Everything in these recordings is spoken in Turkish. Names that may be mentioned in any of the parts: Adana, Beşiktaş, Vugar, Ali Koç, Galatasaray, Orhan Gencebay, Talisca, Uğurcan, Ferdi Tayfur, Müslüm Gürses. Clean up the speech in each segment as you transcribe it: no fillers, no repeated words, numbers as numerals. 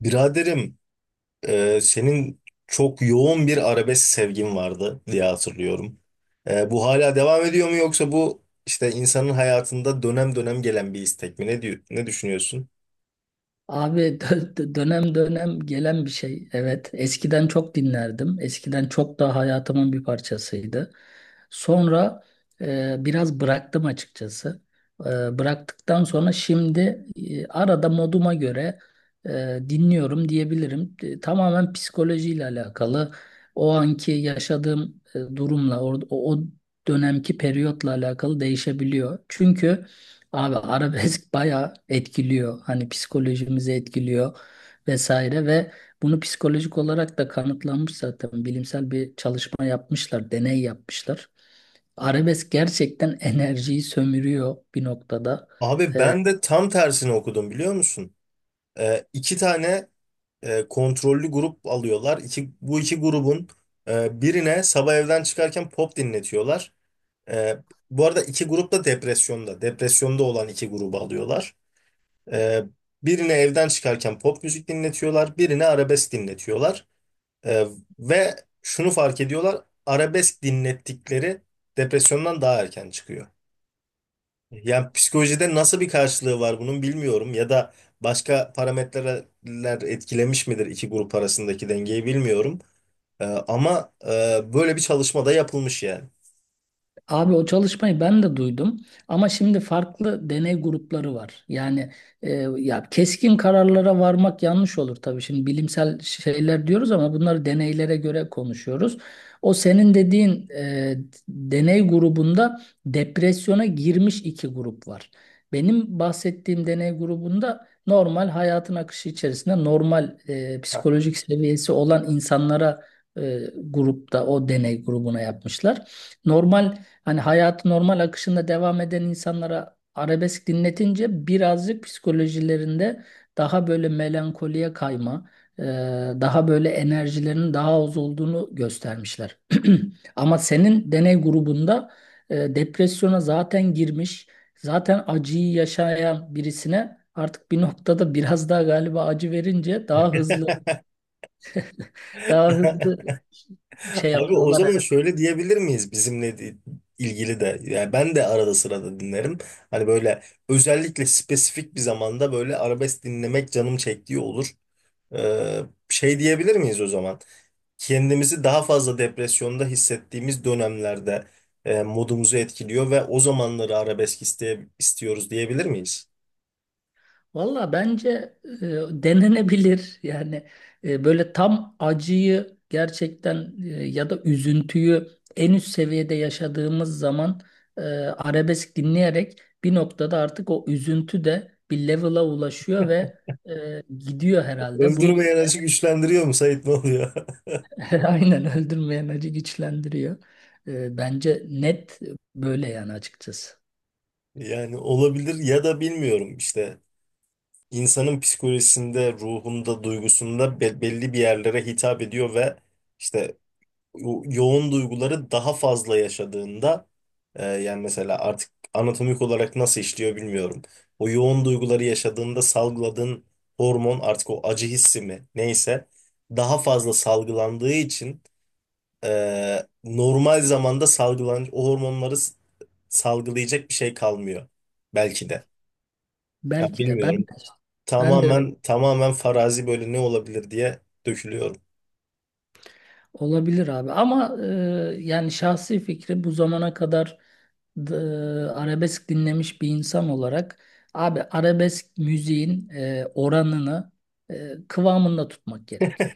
Biraderim, senin çok yoğun bir arabesk sevgin vardı diye hatırlıyorum. Bu hala devam ediyor mu, yoksa bu işte insanın hayatında dönem dönem gelen bir istek mi? Ne diyor, ne düşünüyorsun? Abi dönem dönem gelen bir şey. Evet, eskiden çok dinlerdim. Eskiden çok daha hayatımın bir parçasıydı. Sonra biraz bıraktım açıkçası. Bıraktıktan sonra şimdi arada moduma göre dinliyorum diyebilirim. Tamamen psikolojiyle alakalı. O anki yaşadığım durumla, o dönemki periyotla alakalı değişebiliyor. Çünkü... Abi arabesk bayağı etkiliyor. Hani psikolojimizi etkiliyor vesaire ve bunu psikolojik olarak da kanıtlanmış zaten. Bilimsel bir çalışma yapmışlar, deney yapmışlar. Arabesk gerçekten enerjiyi sömürüyor bir noktada. Abi Ee, ben de tam tersini okudum, biliyor musun? İki tane kontrollü grup alıyorlar. İki, bu iki grubun birine sabah evden çıkarken pop dinletiyorlar. E, Bu arada iki grup da depresyonda. Depresyonda olan iki grubu alıyorlar. Ee, Birine evden çıkarken pop müzik dinletiyorlar, birine arabesk dinletiyorlar. Ee, Ve şunu fark ediyorlar, arabesk dinlettikleri depresyondan daha erken çıkıyor. Yani psikolojide nasıl bir karşılığı var bunun bilmiyorum, ya da başka parametreler etkilemiş midir iki grup arasındaki dengeyi bilmiyorum. Ama böyle bir çalışma da yapılmış yani. Abi o çalışmayı ben de duydum ama şimdi farklı deney grupları var. Yani e, ya keskin kararlara varmak yanlış olur tabii. Şimdi bilimsel şeyler diyoruz ama bunları deneylere göre konuşuyoruz. O senin dediğin deney grubunda depresyona girmiş iki grup var. Benim bahsettiğim deney grubunda normal hayatın akışı içerisinde normal psikolojik seviyesi olan insanlara grupta o deney grubuna yapmışlar. Normal, hani hayatı normal akışında devam eden insanlara arabesk dinletince birazcık psikolojilerinde daha böyle melankoliye kayma, e, daha böyle enerjilerinin daha az olduğunu göstermişler. Ama senin deney grubunda depresyona zaten girmiş, zaten acıyı yaşayan birisine artık bir noktada biraz daha galiba acı verince daha hızlı, daha hızlı şey Abi o yapıyorlar. zaman şöyle diyebilir miyiz bizimle ilgili de, yani ben de arada sırada dinlerim. Hani böyle özellikle spesifik bir zamanda böyle arabesk dinlemek canım çektiği olur. Ee, Şey diyebilir miyiz o zaman? Kendimizi daha fazla depresyonda hissettiğimiz dönemlerde modumuzu etkiliyor ve o zamanları arabesk istiyoruz diyebilir miyiz? Valla bence denenebilir. Yani böyle tam acıyı gerçekten ya da üzüntüyü en üst seviyede yaşadığımız zaman arabesk dinleyerek bir noktada artık o üzüntü de bir level'a ulaşıyor ve gidiyor herhalde. Bunu Öldürmeyen açı güçlendiriyor mu Sait, ne oluyor? aynen öldürmeyen acı güçlendiriyor. Bence net böyle yani açıkçası. Yani olabilir, ya da bilmiyorum işte. İnsanın psikolojisinde, ruhunda, duygusunda belli bir yerlere hitap ediyor ve işte yoğun duyguları daha fazla yaşadığında yani mesela artık anatomik olarak nasıl işliyor bilmiyorum. O yoğun duyguları yaşadığında salgıladığın hormon artık o acı hissi mi neyse daha fazla salgılandığı için normal zamanda salgılan o hormonları salgılayacak bir şey kalmıyor belki de. Ya Belki de ben bilmiyorum. ben de Tamamen farazi, böyle ne olabilir diye dökülüyorum. olabilir abi ama yani şahsi fikri bu zamana kadar d- e, arabesk dinlemiş bir insan olarak abi arabesk müziğin oranını kıvamında tutmak gerekiyor.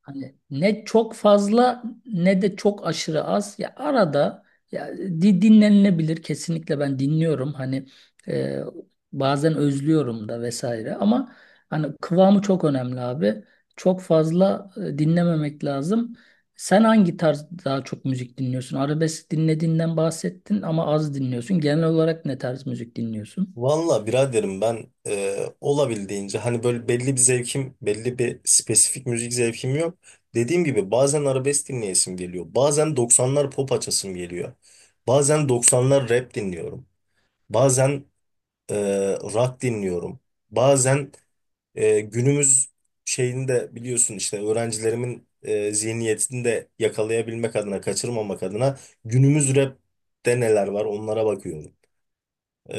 Hani ne çok fazla ne de çok aşırı az. Ya arada dinlenilebilir, kesinlikle ben dinliyorum. Hani e, bazen özlüyorum da vesaire ama hani kıvamı çok önemli abi. Çok fazla dinlememek lazım. Sen hangi tarz daha çok müzik dinliyorsun? Arabesk dinlediğinden bahsettin ama az dinliyorsun. Genel olarak ne tarz müzik dinliyorsun? Valla biraderim, ben olabildiğince, hani böyle belli bir zevkim, belli bir spesifik müzik zevkim yok. Dediğim gibi bazen arabesk dinleyesim geliyor. Bazen 90'lar pop açasım geliyor. Bazen 90'lar rap dinliyorum. Bazen e, rock dinliyorum. Bazen günümüz şeyini de biliyorsun, işte öğrencilerimin zihniyetini de yakalayabilmek adına, kaçırmamak adına günümüz rap'te neler var onlara bakıyorum. E,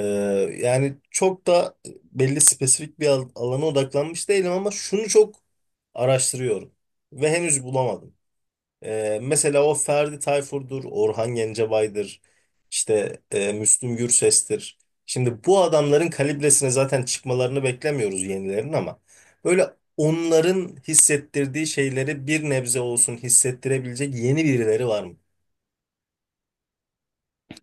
Yani çok da belli spesifik bir alana odaklanmış değilim, ama şunu çok araştırıyorum ve henüz bulamadım. Mesela o Ferdi Tayfur'dur, Orhan Gencebay'dır, işte Müslüm Gürses'tir. Şimdi bu adamların kalibresine zaten çıkmalarını beklemiyoruz yenilerin, ama böyle onların hissettirdiği şeyleri bir nebze olsun hissettirebilecek yeni birileri var mı?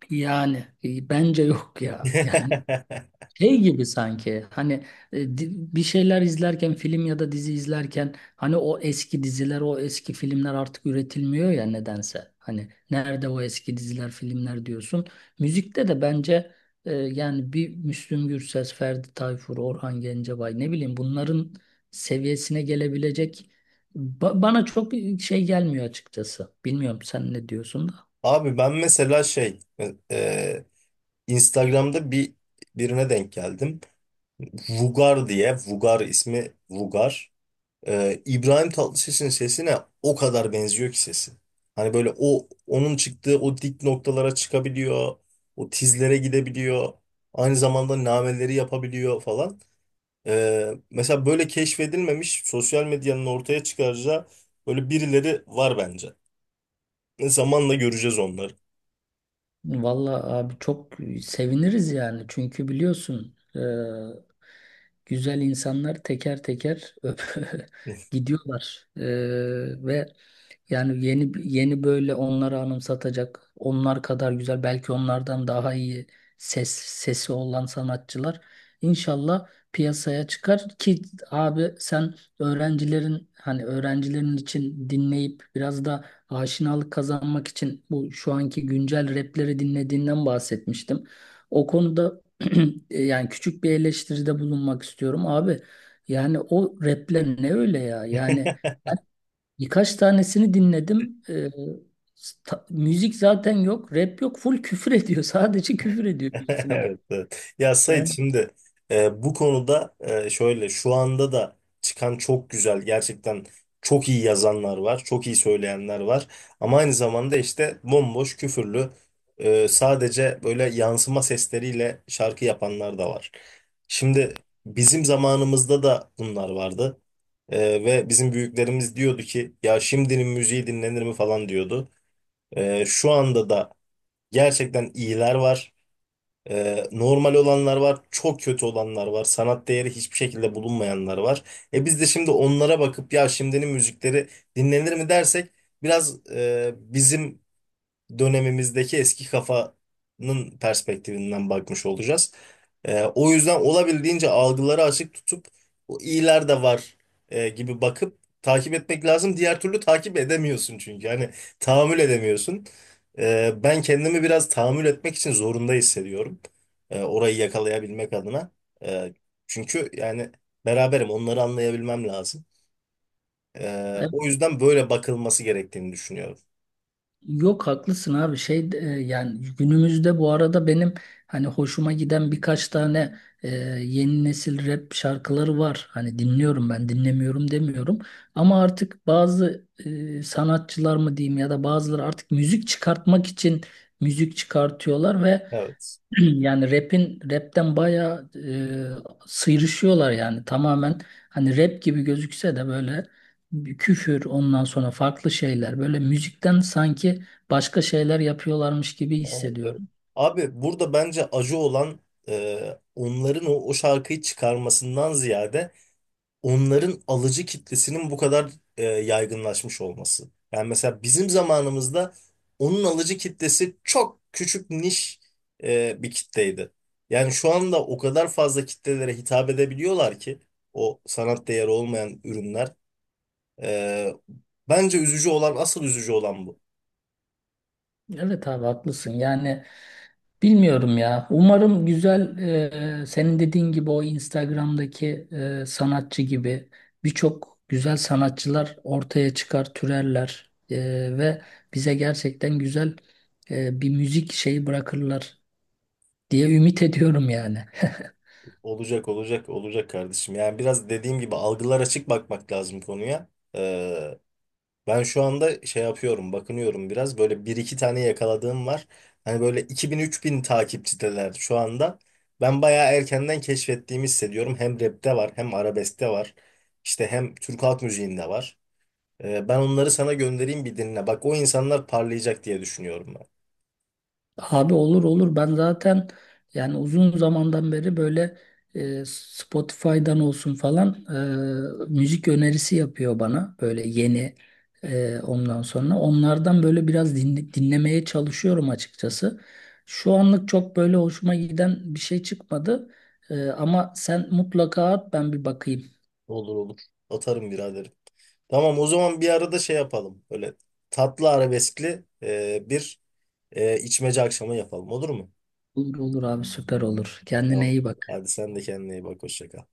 Yani bence yok ya. Yani şey gibi sanki hani e, di- bir şeyler izlerken, film ya da dizi izlerken, hani o eski diziler, o eski filmler artık üretilmiyor ya nedense. Hani nerede o eski diziler, filmler diyorsun. Müzikte de bence yani bir Müslüm Gürses, Ferdi Tayfur, Orhan Gencebay, ne bileyim, bunların seviyesine gelebilecek bana çok şey gelmiyor açıkçası. Bilmiyorum sen ne diyorsun da. Abi ben mesela şey, e, Instagram'da birine denk geldim. Vugar diye, Vugar ismi Vugar. İbrahim Tatlıses'in sesine o kadar benziyor ki sesi. Hani böyle onun çıktığı o dik noktalara çıkabiliyor. O tizlere gidebiliyor. Aynı zamanda nameleri yapabiliyor falan. Mesela böyle keşfedilmemiş, sosyal medyanın ortaya çıkaracağı böyle birileri var bence. Zamanla göreceğiz onları. Vallahi abi çok seviniriz yani. Çünkü biliyorsun güzel insanlar teker teker öp- gidiyorlar. Ve yani yeni yeni böyle onları anımsatacak, onlar kadar güzel, belki onlardan daha iyi sesi olan sanatçılar inşallah piyasaya çıkar ki abi sen öğrencilerin, hani öğrencilerin için dinleyip biraz da aşinalık kazanmak için bu şu anki güncel rapleri dinlediğinden bahsetmiştim. O konuda yani küçük bir eleştiride bulunmak istiyorum abi. Yani o rapler ne öyle ya? Yani birkaç tanesini dinledim. Müzik zaten yok, rap yok. Full küfür ediyor. Sadece küfür ediyor birisine. Evet, evet. Ya Sait, Yani, şimdi bu konuda şöyle, şu anda da çıkan çok güzel, gerçekten çok iyi yazanlar var, çok iyi söyleyenler var. Ama aynı zamanda işte bomboş, küfürlü, sadece böyle yansıma sesleriyle şarkı yapanlar da var. Şimdi bizim zamanımızda da bunlar vardı. E, Ve bizim büyüklerimiz diyordu ki ya şimdinin müziği dinlenir mi falan diyordu. Şu anda da gerçekten iyiler var. Normal olanlar var, çok kötü olanlar var, sanat değeri hiçbir şekilde bulunmayanlar var. E biz de şimdi onlara bakıp ya şimdinin müzikleri dinlenir mi dersek, biraz bizim dönemimizdeki eski kafanın perspektifinden bakmış olacağız. O yüzden olabildiğince algıları açık tutup o iyiler de var gibi bakıp takip etmek lazım. Diğer türlü takip edemiyorsun çünkü. Hani tahammül edemiyorsun. Ben kendimi biraz tahammül etmek için zorunda hissediyorum. Orayı yakalayabilmek adına. Ee, Çünkü yani beraberim onları anlayabilmem lazım. O evet. yüzden böyle bakılması gerektiğini düşünüyorum. Yok, haklısın abi. Şey, yani günümüzde bu arada benim hani hoşuma giden birkaç tane e, yeni nesil rap şarkıları var. Hani dinliyorum, ben dinlemiyorum demiyorum ama artık bazı sanatçılar mı diyeyim ya da bazıları artık müzik çıkartmak için müzik çıkartıyorlar ve Evet. yani rap'in rap'ten bayağı sıyrışıyorlar yani tamamen, hani rap gibi gözükse de böyle bir küfür, ondan sonra farklı şeyler, böyle müzikten sanki başka şeyler yapıyorlarmış gibi Evet, evet. hissediyorum. Abi burada bence acı olan onların o şarkıyı çıkarmasından ziyade, onların alıcı kitlesinin bu kadar yaygınlaşmış olması. Yani mesela bizim zamanımızda onun alıcı kitlesi çok küçük, niş bir kitleydi. Yani şu anda o kadar fazla kitlelere hitap edebiliyorlar ki o sanat değeri olmayan ürünler. E, Bence üzücü olan, asıl üzücü olan bu. Evet abi, haklısın yani. Bilmiyorum ya. Umarım güzel, senin dediğin gibi o Instagram'daki sanatçı gibi birçok güzel sanatçılar ortaya çıkar, türerler ve bize gerçekten güzel bir müzik şeyi bırakırlar diye ümit ediyorum yani. Olacak kardeşim. Yani biraz dediğim gibi algılar açık bakmak lazım konuya. Ee, Ben şu anda şey yapıyorum, bakınıyorum biraz. Böyle bir iki tane yakaladığım var. Hani böyle 2000 3000 takipçideler şu anda. Ben bayağı erkenden keşfettiğimi hissediyorum. Hem rapte var, hem arabeskte var. İşte hem Türk halk müziğinde var. Ben onları sana göndereyim bir dinle. Bak, o insanlar parlayacak diye düşünüyorum ben. Abi olur olur, ben zaten yani uzun zamandan beri böyle Spotify'dan olsun falan müzik önerisi yapıyor bana böyle yeni ondan sonra onlardan böyle biraz dinlemeye çalışıyorum açıkçası. Şu anlık çok böyle hoşuma giden bir şey çıkmadı. Ama sen mutlaka at, ben bir bakayım. Olur olur. Atarım biraderim. Tamam, o zaman bir arada şey yapalım. Böyle tatlı arabeskli bir içmece akşamı yapalım. Olur mu? Olur olur abi, süper. Olur, Tamam. kendine iyi bak. Hadi sen de kendine iyi bak. Hoşça kal.